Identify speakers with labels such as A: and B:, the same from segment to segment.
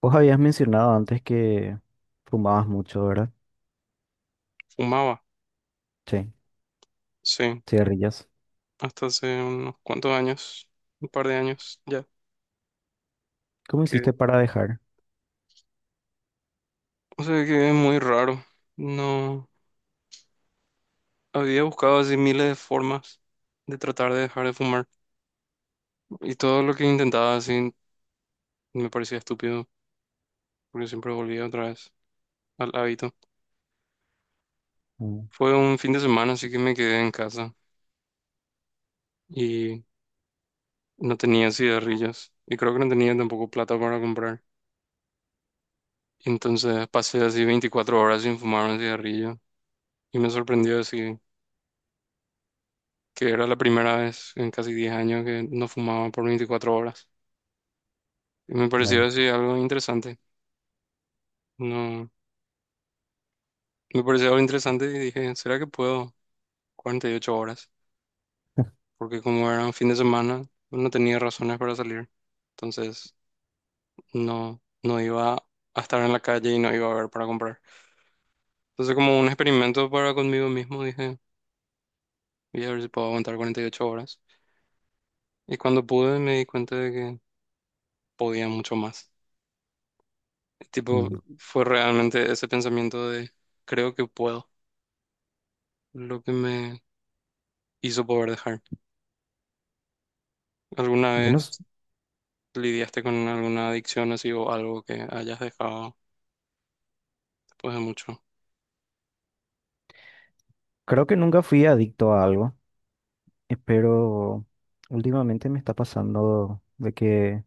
A: Vos habías mencionado antes que fumabas mucho, ¿verdad?
B: Fumaba,
A: Sí,
B: sí,
A: cigarrillas.
B: hasta hace unos cuantos años, un par de años ya,
A: ¿Cómo
B: que,
A: hiciste para dejar?
B: o sea, que es muy raro. No, había buscado así miles de formas de tratar de dejar de fumar y todo lo que intentaba así me parecía estúpido, porque siempre volvía otra vez al hábito.
A: Mm,
B: Fue un fin de semana, así que me quedé en casa y no tenía cigarrillos y creo que no tenía tampoco plata para comprar. Entonces pasé así 24 horas sin fumar un cigarrillo y me sorprendió así, que era la primera vez en casi 10 años que no fumaba por 24 horas. Y me pareció
A: vaya.
B: así algo interesante. No, me pareció algo interesante y dije, ¿será que puedo 48 horas? Porque como era un fin de semana, no tenía razones para salir. Entonces, no, no iba a estar en la calle y no iba a haber para comprar. Entonces, como un experimento para conmigo mismo, dije, voy a ver si puedo aguantar 48 horas. Y cuando pude, me di cuenta de que podía mucho más. Tipo,
A: Mm.
B: fue realmente ese pensamiento de creo que puedo lo que me hizo poder dejar. ¿Alguna
A: Yo no, s-
B: vez lidiaste con alguna adicción así o algo que hayas dejado después de mucho?
A: Creo que nunca fui adicto a algo, pero últimamente me está pasando de que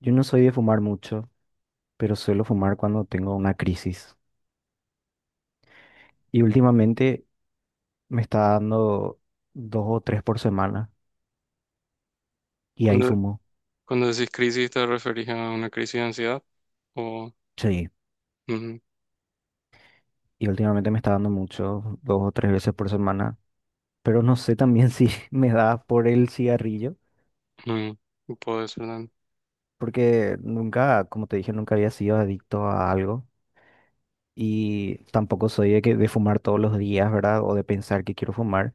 A: yo no soy de fumar mucho, pero suelo fumar cuando tengo una crisis. Y últimamente me está dando dos o tres por semana y ahí
B: Cuando,
A: fumo.
B: cuando decís crisis, ¿te referís a una crisis de ansiedad? O
A: Sí.
B: Mm,
A: Y últimamente me está dando mucho, dos o tres veces por semana. Pero no sé también si me da por el cigarrillo,
B: mm, puede ser también.
A: porque nunca, como te dije, nunca había sido adicto a algo y tampoco soy de, que, de fumar todos los días, ¿verdad? O de pensar que quiero fumar,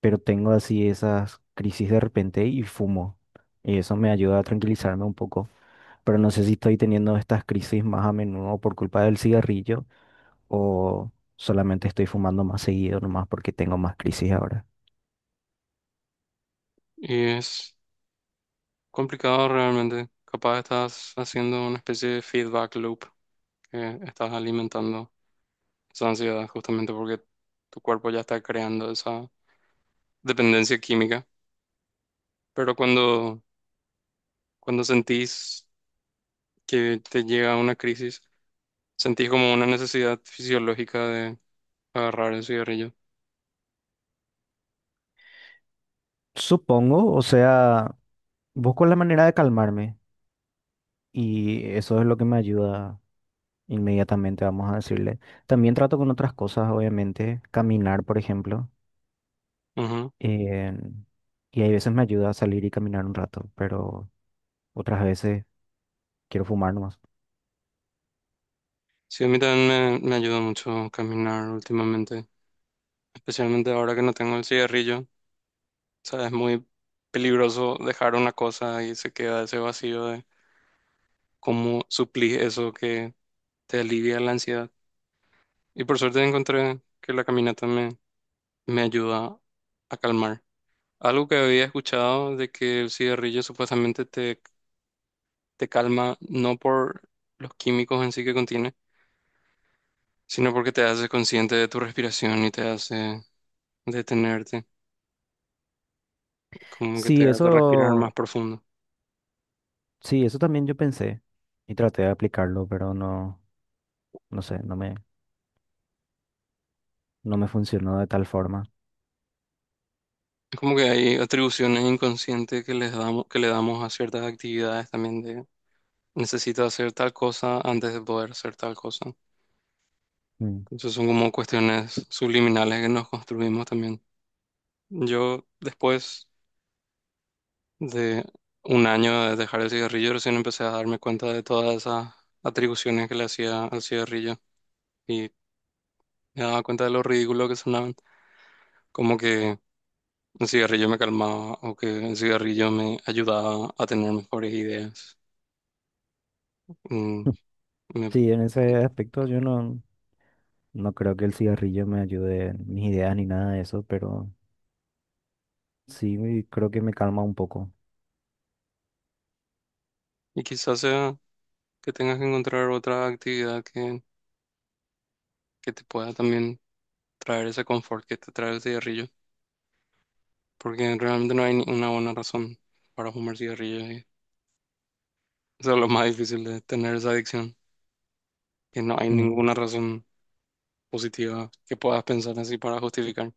A: pero tengo así esas crisis de repente y fumo. Y eso me ayuda a tranquilizarme un poco, pero no sé si estoy teniendo estas crisis más a menudo por culpa del cigarrillo o solamente estoy fumando más seguido nomás porque tengo más crisis ahora.
B: Y es complicado realmente. Capaz estás haciendo una especie de feedback loop que estás alimentando esa ansiedad justamente porque tu cuerpo ya está creando esa dependencia química, pero cuando sentís que te llega una crisis, sentís como una necesidad fisiológica de agarrar el cigarrillo.
A: Supongo, o sea, busco la manera de calmarme. Y eso es lo que me ayuda inmediatamente, vamos a decirle. También trato con otras cosas, obviamente, caminar, por ejemplo.
B: Ujú.
A: eh, y hay veces me ayuda a salir y caminar un rato, pero otras veces quiero fumar nomás.
B: Sí, a mí también me ayuda mucho caminar últimamente, especialmente ahora que no tengo el cigarrillo. O sea, es muy peligroso dejar una cosa y se queda ese vacío de cómo suplís eso que te alivia la ansiedad. Y por suerte encontré que la caminata me ayuda a calmar. Algo que había escuchado de que el cigarrillo supuestamente te calma no por los químicos en sí que contiene, sino porque te hace consciente de tu respiración y te hace detenerte, como que te
A: Sí,
B: hace respirar más
A: eso,
B: profundo.
A: sí, eso también yo pensé y traté de aplicarlo, pero no, no sé, no me funcionó de tal forma.
B: Es como que hay atribuciones inconscientes que les damos, que le damos a ciertas actividades también de necesito hacer tal cosa antes de poder hacer tal cosa.
A: Mm.
B: Entonces son como cuestiones subliminales que nos construimos también. Yo después de un año de dejar el cigarrillo, recién empecé a darme cuenta de todas esas atribuciones que le hacía al cigarrillo y me daba cuenta de lo ridículo que sonaban, como que el cigarrillo me calmaba o que el cigarrillo me ayudaba a tener mejores ideas. Mm, me-
A: Sí, en ese aspecto yo no, no creo que el cigarrillo me ayude en mis ideas ni nada de eso, pero sí creo que me calma un poco.
B: y quizás sea que tengas que encontrar otra actividad que te pueda también traer ese confort que te trae el cigarrillo, porque realmente no hay ni una buena razón para fumar cigarrillo y eso es lo más difícil de tener esa adicción, que no hay
A: Mm.
B: ninguna razón positiva que puedas pensar así para justificar.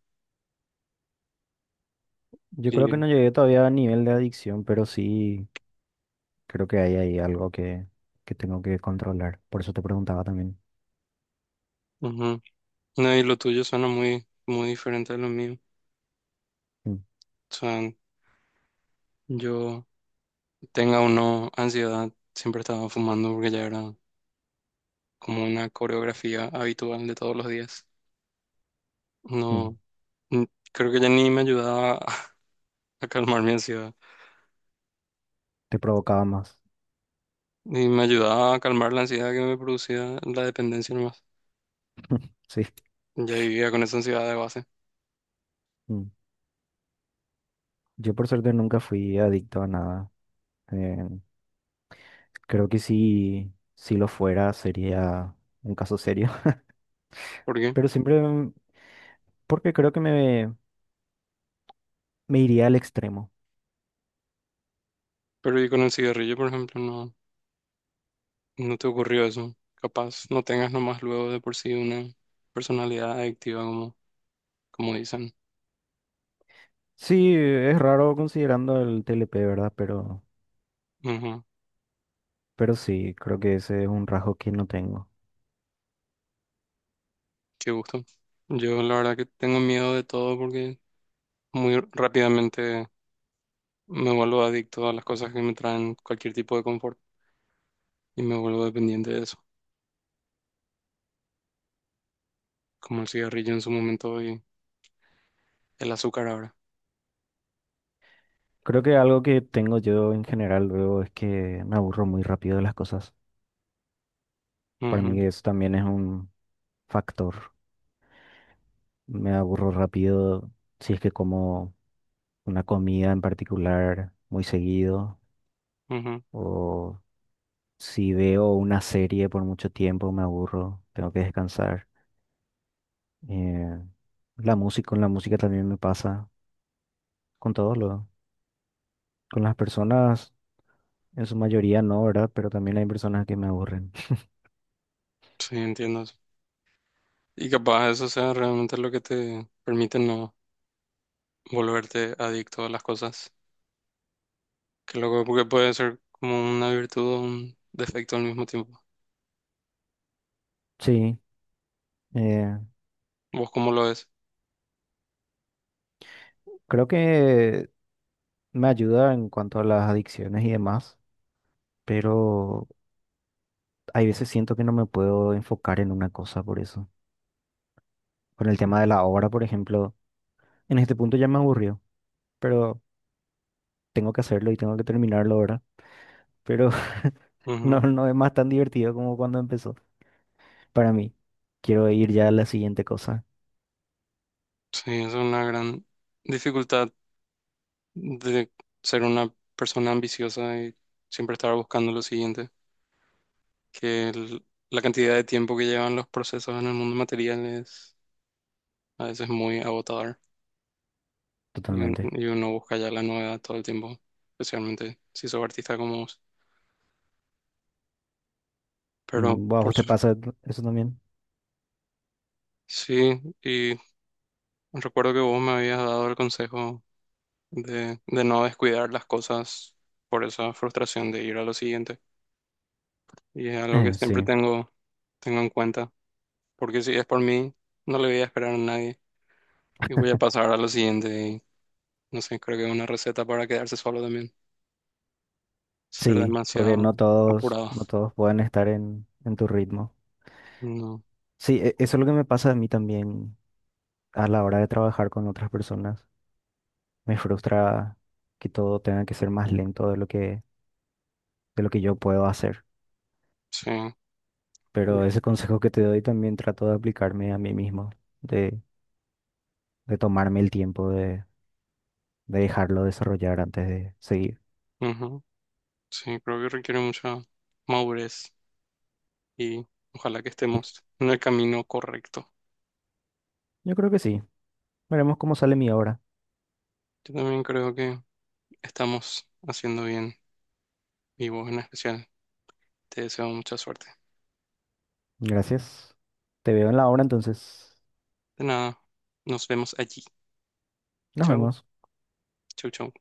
A: Yo creo que
B: Y,
A: no llegué todavía a nivel de adicción, pero sí creo que hay ahí algo que tengo que controlar. Por eso te preguntaba también.
B: ujú. No, y lo tuyo suena muy, muy diferente a lo mío.
A: Mm,
B: O sea, yo tenga o no ansiedad, siempre estaba fumando porque ya era como una coreografía habitual de todos los días.
A: mm.
B: No, creo que ya ni me ayudaba a calmar mi ansiedad,
A: Te provocaba más.
B: ni me ayudaba a calmar la ansiedad que me producía la dependencia nomás.
A: Sí.
B: Ya vivía con esa ansiedad de base.
A: Mm. Yo por suerte nunca fui adicto a nada. Eh, Creo que si, si lo fuera sería un caso serio.
B: ¿Por qué?
A: Pero siempre, mm, porque creo que me iría al extremo.
B: Pero y con el cigarrillo, por ejemplo, no. No te ocurrió eso. Capaz no tengas nomás luego de por sí una personalidad adictiva como, como dicen.
A: Sí, es raro considerando el TLP, ¿verdad?
B: Ujú.
A: Pero sí, creo que ese es un rasgo que no tengo.
B: Qué gusto. Yo la verdad que tengo miedo de todo porque muy rápidamente me vuelvo adicto a las cosas que me traen cualquier tipo de confort y me vuelvo dependiente de eso, como el cigarrillo en su momento y el azúcar ahora.
A: Creo que algo que tengo yo en general luego es que me aburro muy rápido de las cosas. Para mí eso también es un factor. Me aburro rápido si es que como una comida en particular muy seguido
B: Ujú, ujú.
A: o si veo una serie por mucho tiempo me aburro, tengo que descansar. Eh, la música, con la música también me pasa, con todo lo, con las personas en su mayoría no, ¿verdad? Pero también hay personas que me aburren.
B: Sí, entiendo eso. Y capaz eso sea realmente lo que te permite no volverte adicto a las cosas. Qué loco, porque puede ser como una virtud o un defecto al mismo tiempo.
A: Sí. eh,
B: ¿Vos cómo lo ves?
A: Creo que me ayuda en cuanto a las adicciones y demás, pero hay veces siento que no me puedo enfocar en una cosa por eso. Con el tema de la obra, por ejemplo, en este punto ya me aburrió, pero tengo que hacerlo y tengo que terminarlo ahora. Pero no,
B: Ujú.
A: no es más tan divertido como cuando empezó. Para mí, quiero ir ya a la siguiente cosa,
B: Sí, es una gran dificultad de ser una persona ambiciosa y siempre estar buscando lo siguiente, que la cantidad de tiempo que llevan los procesos en el mundo material es a veces muy agotador y, un-
A: totalmente.
B: y uno busca ya la novedad todo el tiempo, especialmente si sos artista como vos. Pero
A: Mm, ¿a vos
B: por
A: te
B: su-
A: pasa eso también?
B: sí, y recuerdo que vos me habías dado el consejo de no descuidar las cosas por esa frustración de ir a lo siguiente. Y es algo que siempre
A: Sí,
B: tengo, tengo en cuenta, porque si es por mí, no le voy a esperar a nadie y voy a pasar a lo siguiente. Y no sé, creo que es una receta para quedarse solo también, ser
A: sí, porque no
B: demasiado
A: todos,
B: apurado.
A: no todos pueden estar en tu ritmo.
B: No,
A: Sí, eso es lo que me pasa a mí también a la hora de trabajar con otras personas, me frustra que todo tenga que ser más lento de lo que yo puedo hacer.
B: sí,
A: Pero ese consejo que te doy también trato de aplicarme a mí mismo, de, de tomarme el tiempo de dejarlo desarrollar antes de seguir.
B: ujú, sí, creo que requiere mucha madurez y ojalá que
A: Y
B: estemos en el camino correcto.
A: yo creo que sí. Veremos cómo sale mi obra.
B: Yo también creo que estamos haciendo bien y vos en especial. Te deseo mucha suerte.
A: Gracias. Te veo en la obra entonces.
B: De nada, nos vemos allí.
A: Nos
B: Chao,
A: vemos.
B: chau, chau.